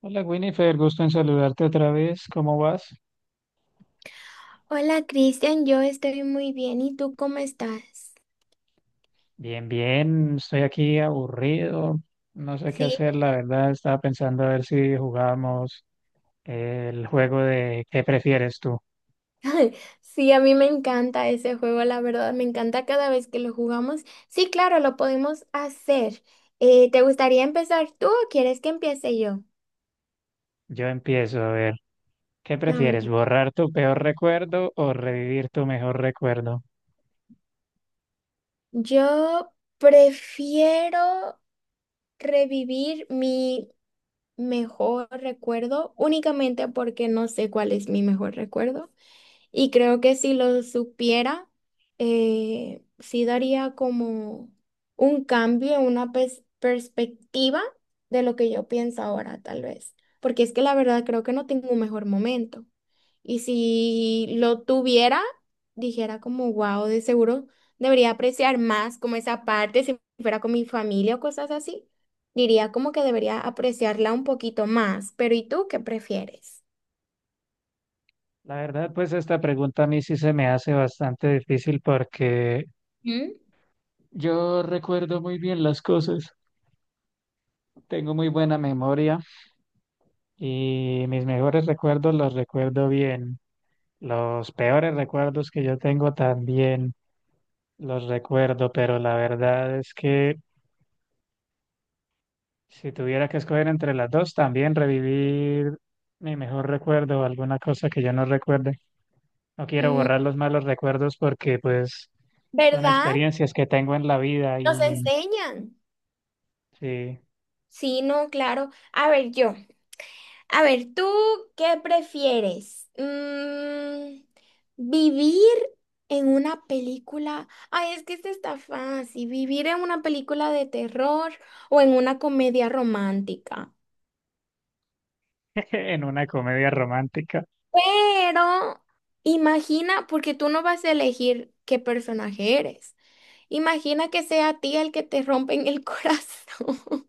Hola Winifred, gusto en saludarte otra vez. ¿Cómo vas? Hola Cristian, yo estoy muy bien. ¿Y tú cómo estás? Bien, bien, estoy aquí aburrido, no sé qué hacer, Sí, la verdad. Estaba pensando a ver si jugamos el juego de ¿qué prefieres tú? sí, a mí me encanta ese juego, la verdad, me encanta cada vez que lo jugamos. Sí, claro, lo podemos hacer. ¿Te gustaría empezar tú o quieres que empiece yo? Yo empiezo a ver, ¿qué A prefieres? ver, ¿Borrar tu peor recuerdo o revivir tu mejor recuerdo? yo prefiero revivir mi mejor recuerdo, únicamente porque no sé cuál es mi mejor recuerdo. Y creo que si lo supiera, sí daría como un cambio, una perspectiva de lo que yo pienso ahora, tal vez. Porque es que la verdad creo que no tengo un mejor momento. Y si lo tuviera, dijera como, wow, de seguro debería apreciar más como esa parte, si fuera con mi familia o cosas así. Diría como que debería apreciarla un poquito más, pero ¿y tú qué prefieres? La verdad, pues esta pregunta a mí sí se me hace bastante difícil porque ¿Mm? yo recuerdo muy bien las cosas, tengo muy buena memoria y mis mejores recuerdos los recuerdo bien. Los peores recuerdos que yo tengo también los recuerdo, pero la verdad es que si tuviera que escoger entre las dos, también revivir mi mejor recuerdo o alguna cosa que yo no recuerde. No quiero borrar Mm, los malos recuerdos porque pues son ¿verdad? experiencias que tengo en la vida Nos y enseñan. sí, Sí, no, claro. A ver, yo. A ver, ¿tú qué prefieres? Mm, ¿vivir en una película? Ay, es que esta está fácil. ¿Vivir en una película de terror o en una comedia romántica? en una comedia romántica. Pero imagina, porque tú no vas a elegir qué personaje eres. Imagina que sea a ti el que te rompen el corazón.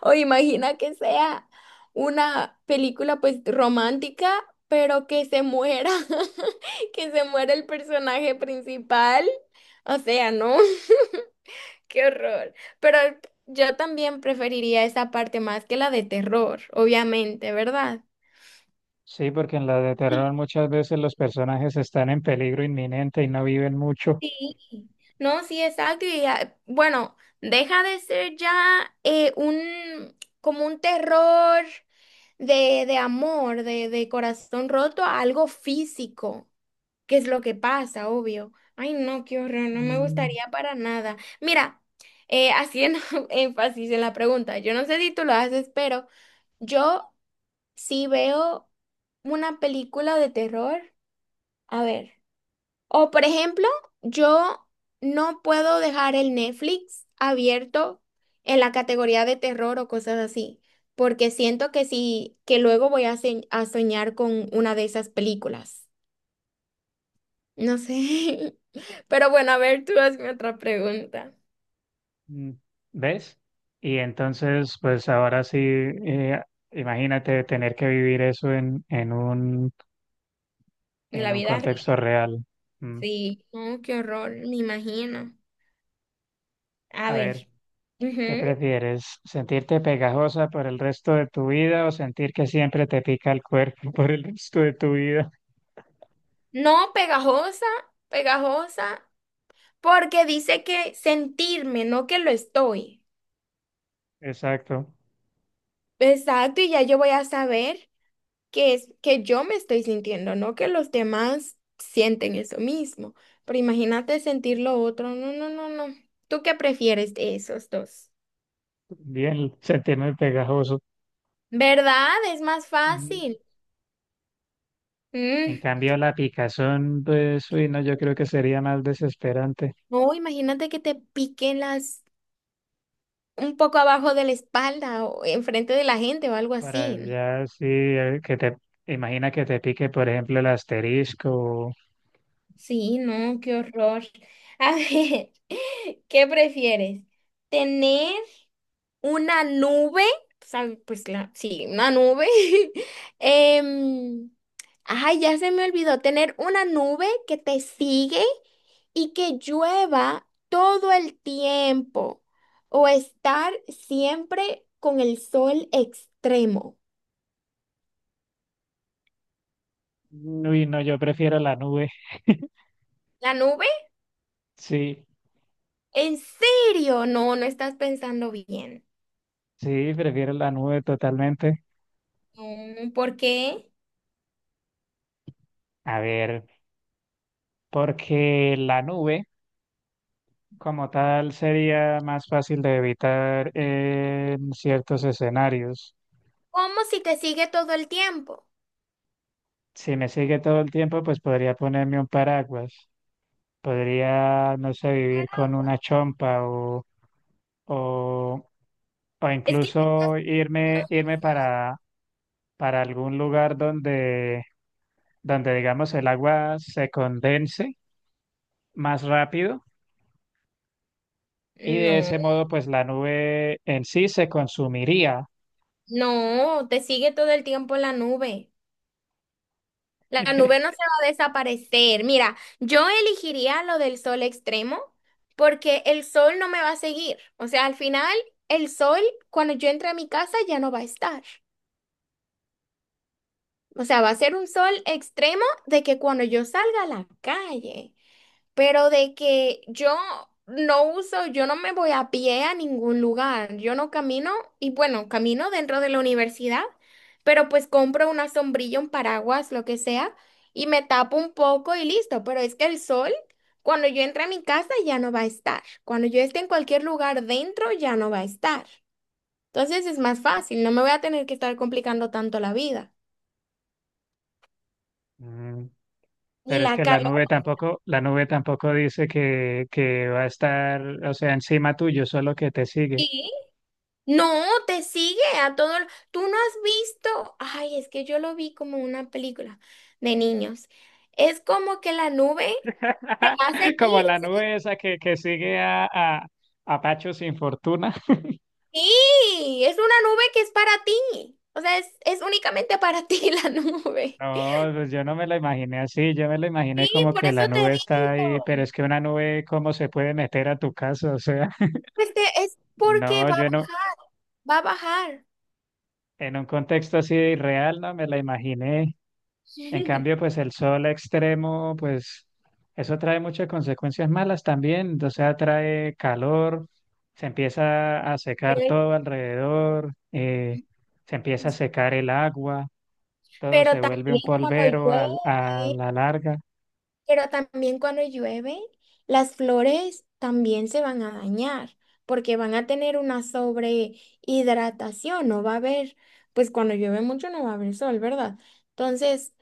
O imagina que sea una película pues romántica, pero que se muera, que se muera el personaje principal. O sea, ¿no? Qué horror. Pero yo también preferiría esa parte más que la de terror, obviamente, ¿verdad? Sí, porque en la de terror muchas veces los personajes están en peligro inminente y no viven mucho. Sí, no, sí, exacto. Y, ah, bueno, deja de ser ya un como un terror. De amor, de corazón roto, a algo físico, que es lo que pasa, obvio. Ay, no, qué horror, no me Mm, gustaría para nada. Mira, haciendo énfasis en la pregunta, yo no sé si tú lo haces, pero yo sí veo una película de terror. A ver. O por ejemplo, yo no puedo dejar el Netflix abierto en la categoría de terror o cosas así, porque siento que sí, que luego voy a, a soñar con una de esas películas. No sé. Pero bueno, a ver, tú hazme otra pregunta. Mm, ¿Ves? Y entonces, pues ahora sí, imagínate tener que vivir eso En en la un vida contexto real. real. Mm. Sí. No, qué horror, me imagino. A A ver. ver, ¿qué Ujú. prefieres? ¿Sentirte pegajosa por el resto de tu vida o sentir que siempre te pica el cuerpo por el resto de tu vida? No pegajosa, pegajosa, porque dice que sentirme, no que lo estoy. Exacto. Exacto, y ya yo voy a saber que es que yo me estoy sintiendo, no que los demás sienten eso mismo. Pero imagínate sentir lo otro. No, no, no, no. ¿Tú qué prefieres de esos dos? Bien, sentirme pegajoso. ¿Verdad? Es más Mm. fácil. En Mm. cambio, la picazón, pues, uy, no, yo creo que sería más desesperante. No, imagínate que te piquen las un poco abajo de la espalda o enfrente de la gente o algo Para así, ¿no? allá sí, que te imagina que te pique, por ejemplo, el asterisco. Sí, no, qué horror. A ver, ¿qué prefieres? ¿Tener una nube, o sea, pues la, sí, una nube? em, ay, ya se me olvidó. Tener una nube que te sigue y que llueva todo el tiempo o estar siempre con el sol extremo. Uy, no, yo prefiero la nube. ¿La nube? Sí, ¿En serio? No, no estás pensando bien. sí, prefiero la nube totalmente. No, ¿por qué? A ver, porque la nube como tal sería más fácil de evitar en ciertos escenarios. ¿Cómo si te sigue todo el tiempo? Si me sigue todo el tiempo, pues podría ponerme un paraguas. Podría, no sé, vivir con una chompa o, o Es que... incluso irme para algún lugar donde, donde digamos el agua se condense más rápido y de No. ese modo pues la nube en sí se consumiría. No, te sigue todo el tiempo la nube. La nube no se va a desaparecer. Mira, yo elegiría lo del sol extremo porque el sol no me va a seguir. O sea, al final, el sol, cuando yo entre a mi casa, ya no va a estar. O sea, va a ser un sol extremo de que cuando yo salga a la calle. Pero de que yo no uso, yo no me voy a pie a ningún lugar. Yo no camino, y bueno, camino dentro de la universidad, pero pues compro una sombrilla, un paraguas, lo que sea, y me tapo un poco y listo. Pero es que el sol, cuando yo entre a mi casa, ya no va a estar. Cuando yo esté en cualquier lugar dentro, ya no va a estar. Entonces es más fácil, no me voy a tener que estar complicando tanto la vida. Mm. Ni Pero es la que la calor. nube tampoco, la nube tampoco dice que va a estar, o sea, encima tuyo, solo que te sigue. No, te sigue a todo. Tú no has visto. Ay, es que yo lo vi como una película de niños. Es como que la nube te va a seguir. Como la nube esa que sigue a Pacho sin fortuna. Sí, es una nube que es para ti. O sea, es únicamente para ti la nube. No, pues yo no me la imaginé así, yo me la Sí, imaginé como por que eso la te nube está ahí, pero digo. es que una nube, ¿cómo se puede meter a tu casa? O sea, Es porque no, va a yo no, bajar, va a bajar. en un contexto así real no me la imaginé. En cambio, pues el sol extremo, pues eso trae muchas consecuencias malas también, o sea, trae calor, se empieza a secar Pero, todo alrededor, se empieza a secar el agua, todo pero se vuelve también un cuando polvero a llueve. la larga. Pero también cuando llueve, las flores también se van a dañar porque van a tener una sobrehidratación, no va a haber, pues cuando llueve mucho no va a haber sol, ¿verdad? Entonces,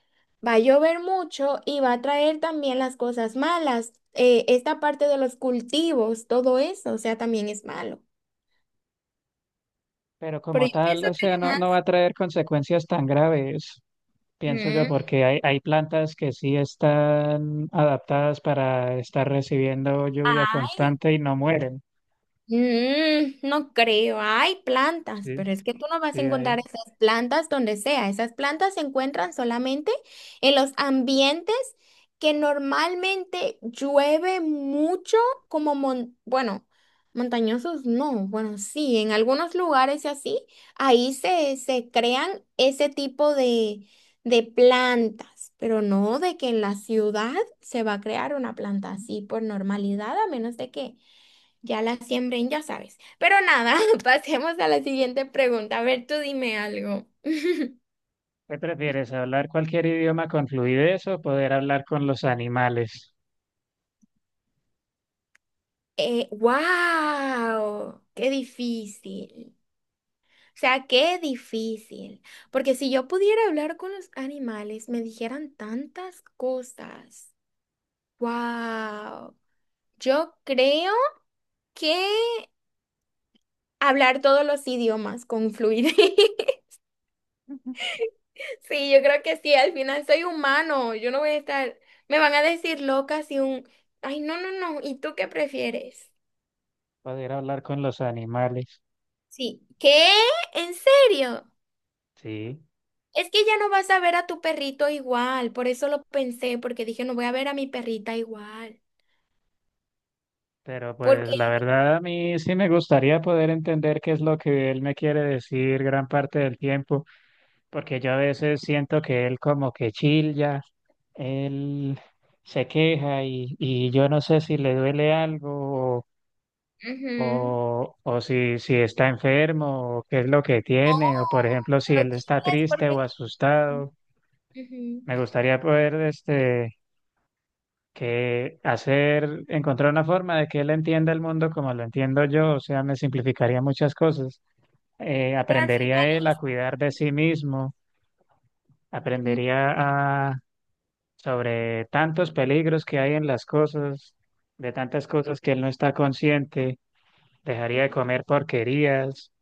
va a llover mucho y va a traer también las cosas malas, esta parte de los cultivos, todo eso, o sea, también es malo. Pero Pero como yo tal, pienso o que sea, no, además... no va a traer consecuencias tan graves, pienso yo, Mm. porque hay plantas que sí están adaptadas para estar recibiendo lluvia constante y no mueren. Mm, no creo, hay plantas, Sí, pero es que tú no vas a sí, ahí. encontrar esas plantas donde sea. Esas plantas se encuentran solamente en los ambientes que normalmente llueve mucho, como, bueno, montañosos no, bueno, sí, en algunos lugares y así, ahí se crean ese tipo de plantas, pero no de que en la ciudad se va a crear una planta así por normalidad, a menos de que ya la siembren, ya sabes. Pero nada, pasemos a la siguiente pregunta. A ver, tú dime algo. ¿Qué prefieres, hablar cualquier idioma con fluidez o poder hablar con los animales? Wow, qué difícil. O sea, qué difícil. Porque si yo pudiera hablar con los animales, me dijeran tantas cosas. Wow. Yo creo que hablar todos los idiomas con fluidez. Sí, yo creo que sí, al final soy humano, yo no voy a estar, me van a decir loca si un, ay, no, no, no, ¿y tú qué prefieres? Poder hablar con los animales, Sí. ¿Qué? ¿En serio? sí. Es que ya no vas a ver a tu perrito igual, por eso lo pensé, porque dije, no voy a ver a mi perrita igual, Pero porque, pues la verdad a mí sí me gustaría poder entender qué es lo que él me quiere decir gran parte del tiempo. Porque yo a veces siento que él como que chilla, él se queja y yo no sé si le duele algo ujú. O si, si está enfermo o qué es lo que tiene, o por ejemplo No, si lo él está quieres triste porque, o asustado. ujú. Me gustaría poder este, que hacer, encontrar una forma de que él entienda el mundo como lo entiendo yo, o sea, me simplificaría muchas cosas. Pero al Aprendería final él a cuidar de sí mismo, mm. aprendería sobre tantos peligros que hay en las cosas, de tantas cosas que él no está consciente, dejaría de comer porquerías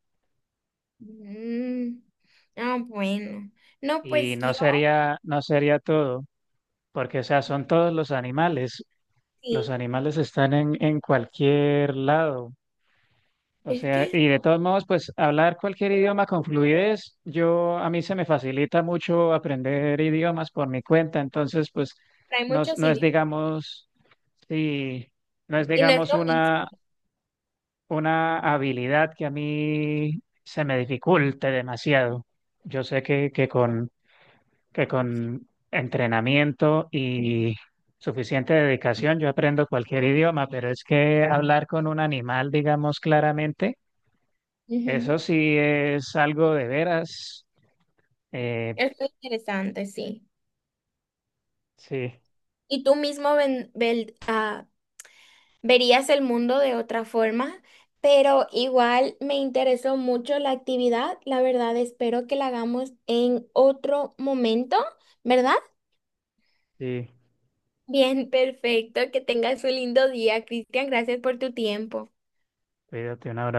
Ah, bueno. No, y pues yo no sería, no sería todo, porque o sea, son todos los sí. animales están en cualquier lado. O Es sea, que y de todos modos, pues hablar cualquier idioma con fluidez, yo a mí se me facilita mucho aprender idiomas por mi cuenta, entonces pues hay no, muchos no es idiomas. digamos, sí, no es Y no es digamos lo mismo. una habilidad que a mí se me dificulte demasiado. Yo sé que con entrenamiento y suficiente dedicación yo aprendo cualquier idioma, pero es que hablar con un animal, digamos claramente, eso Ujú. sí es algo de veras. Eh, Es muy interesante, sí. sí, Y tú mismo verías el mundo de otra forma, pero igual me interesó mucho la actividad. La verdad, espero que la hagamos en otro momento, ¿verdad? sí, Bien, perfecto. Que tengas un lindo día, Cristian. Gracias por tu tiempo. cuídate, un abrazo.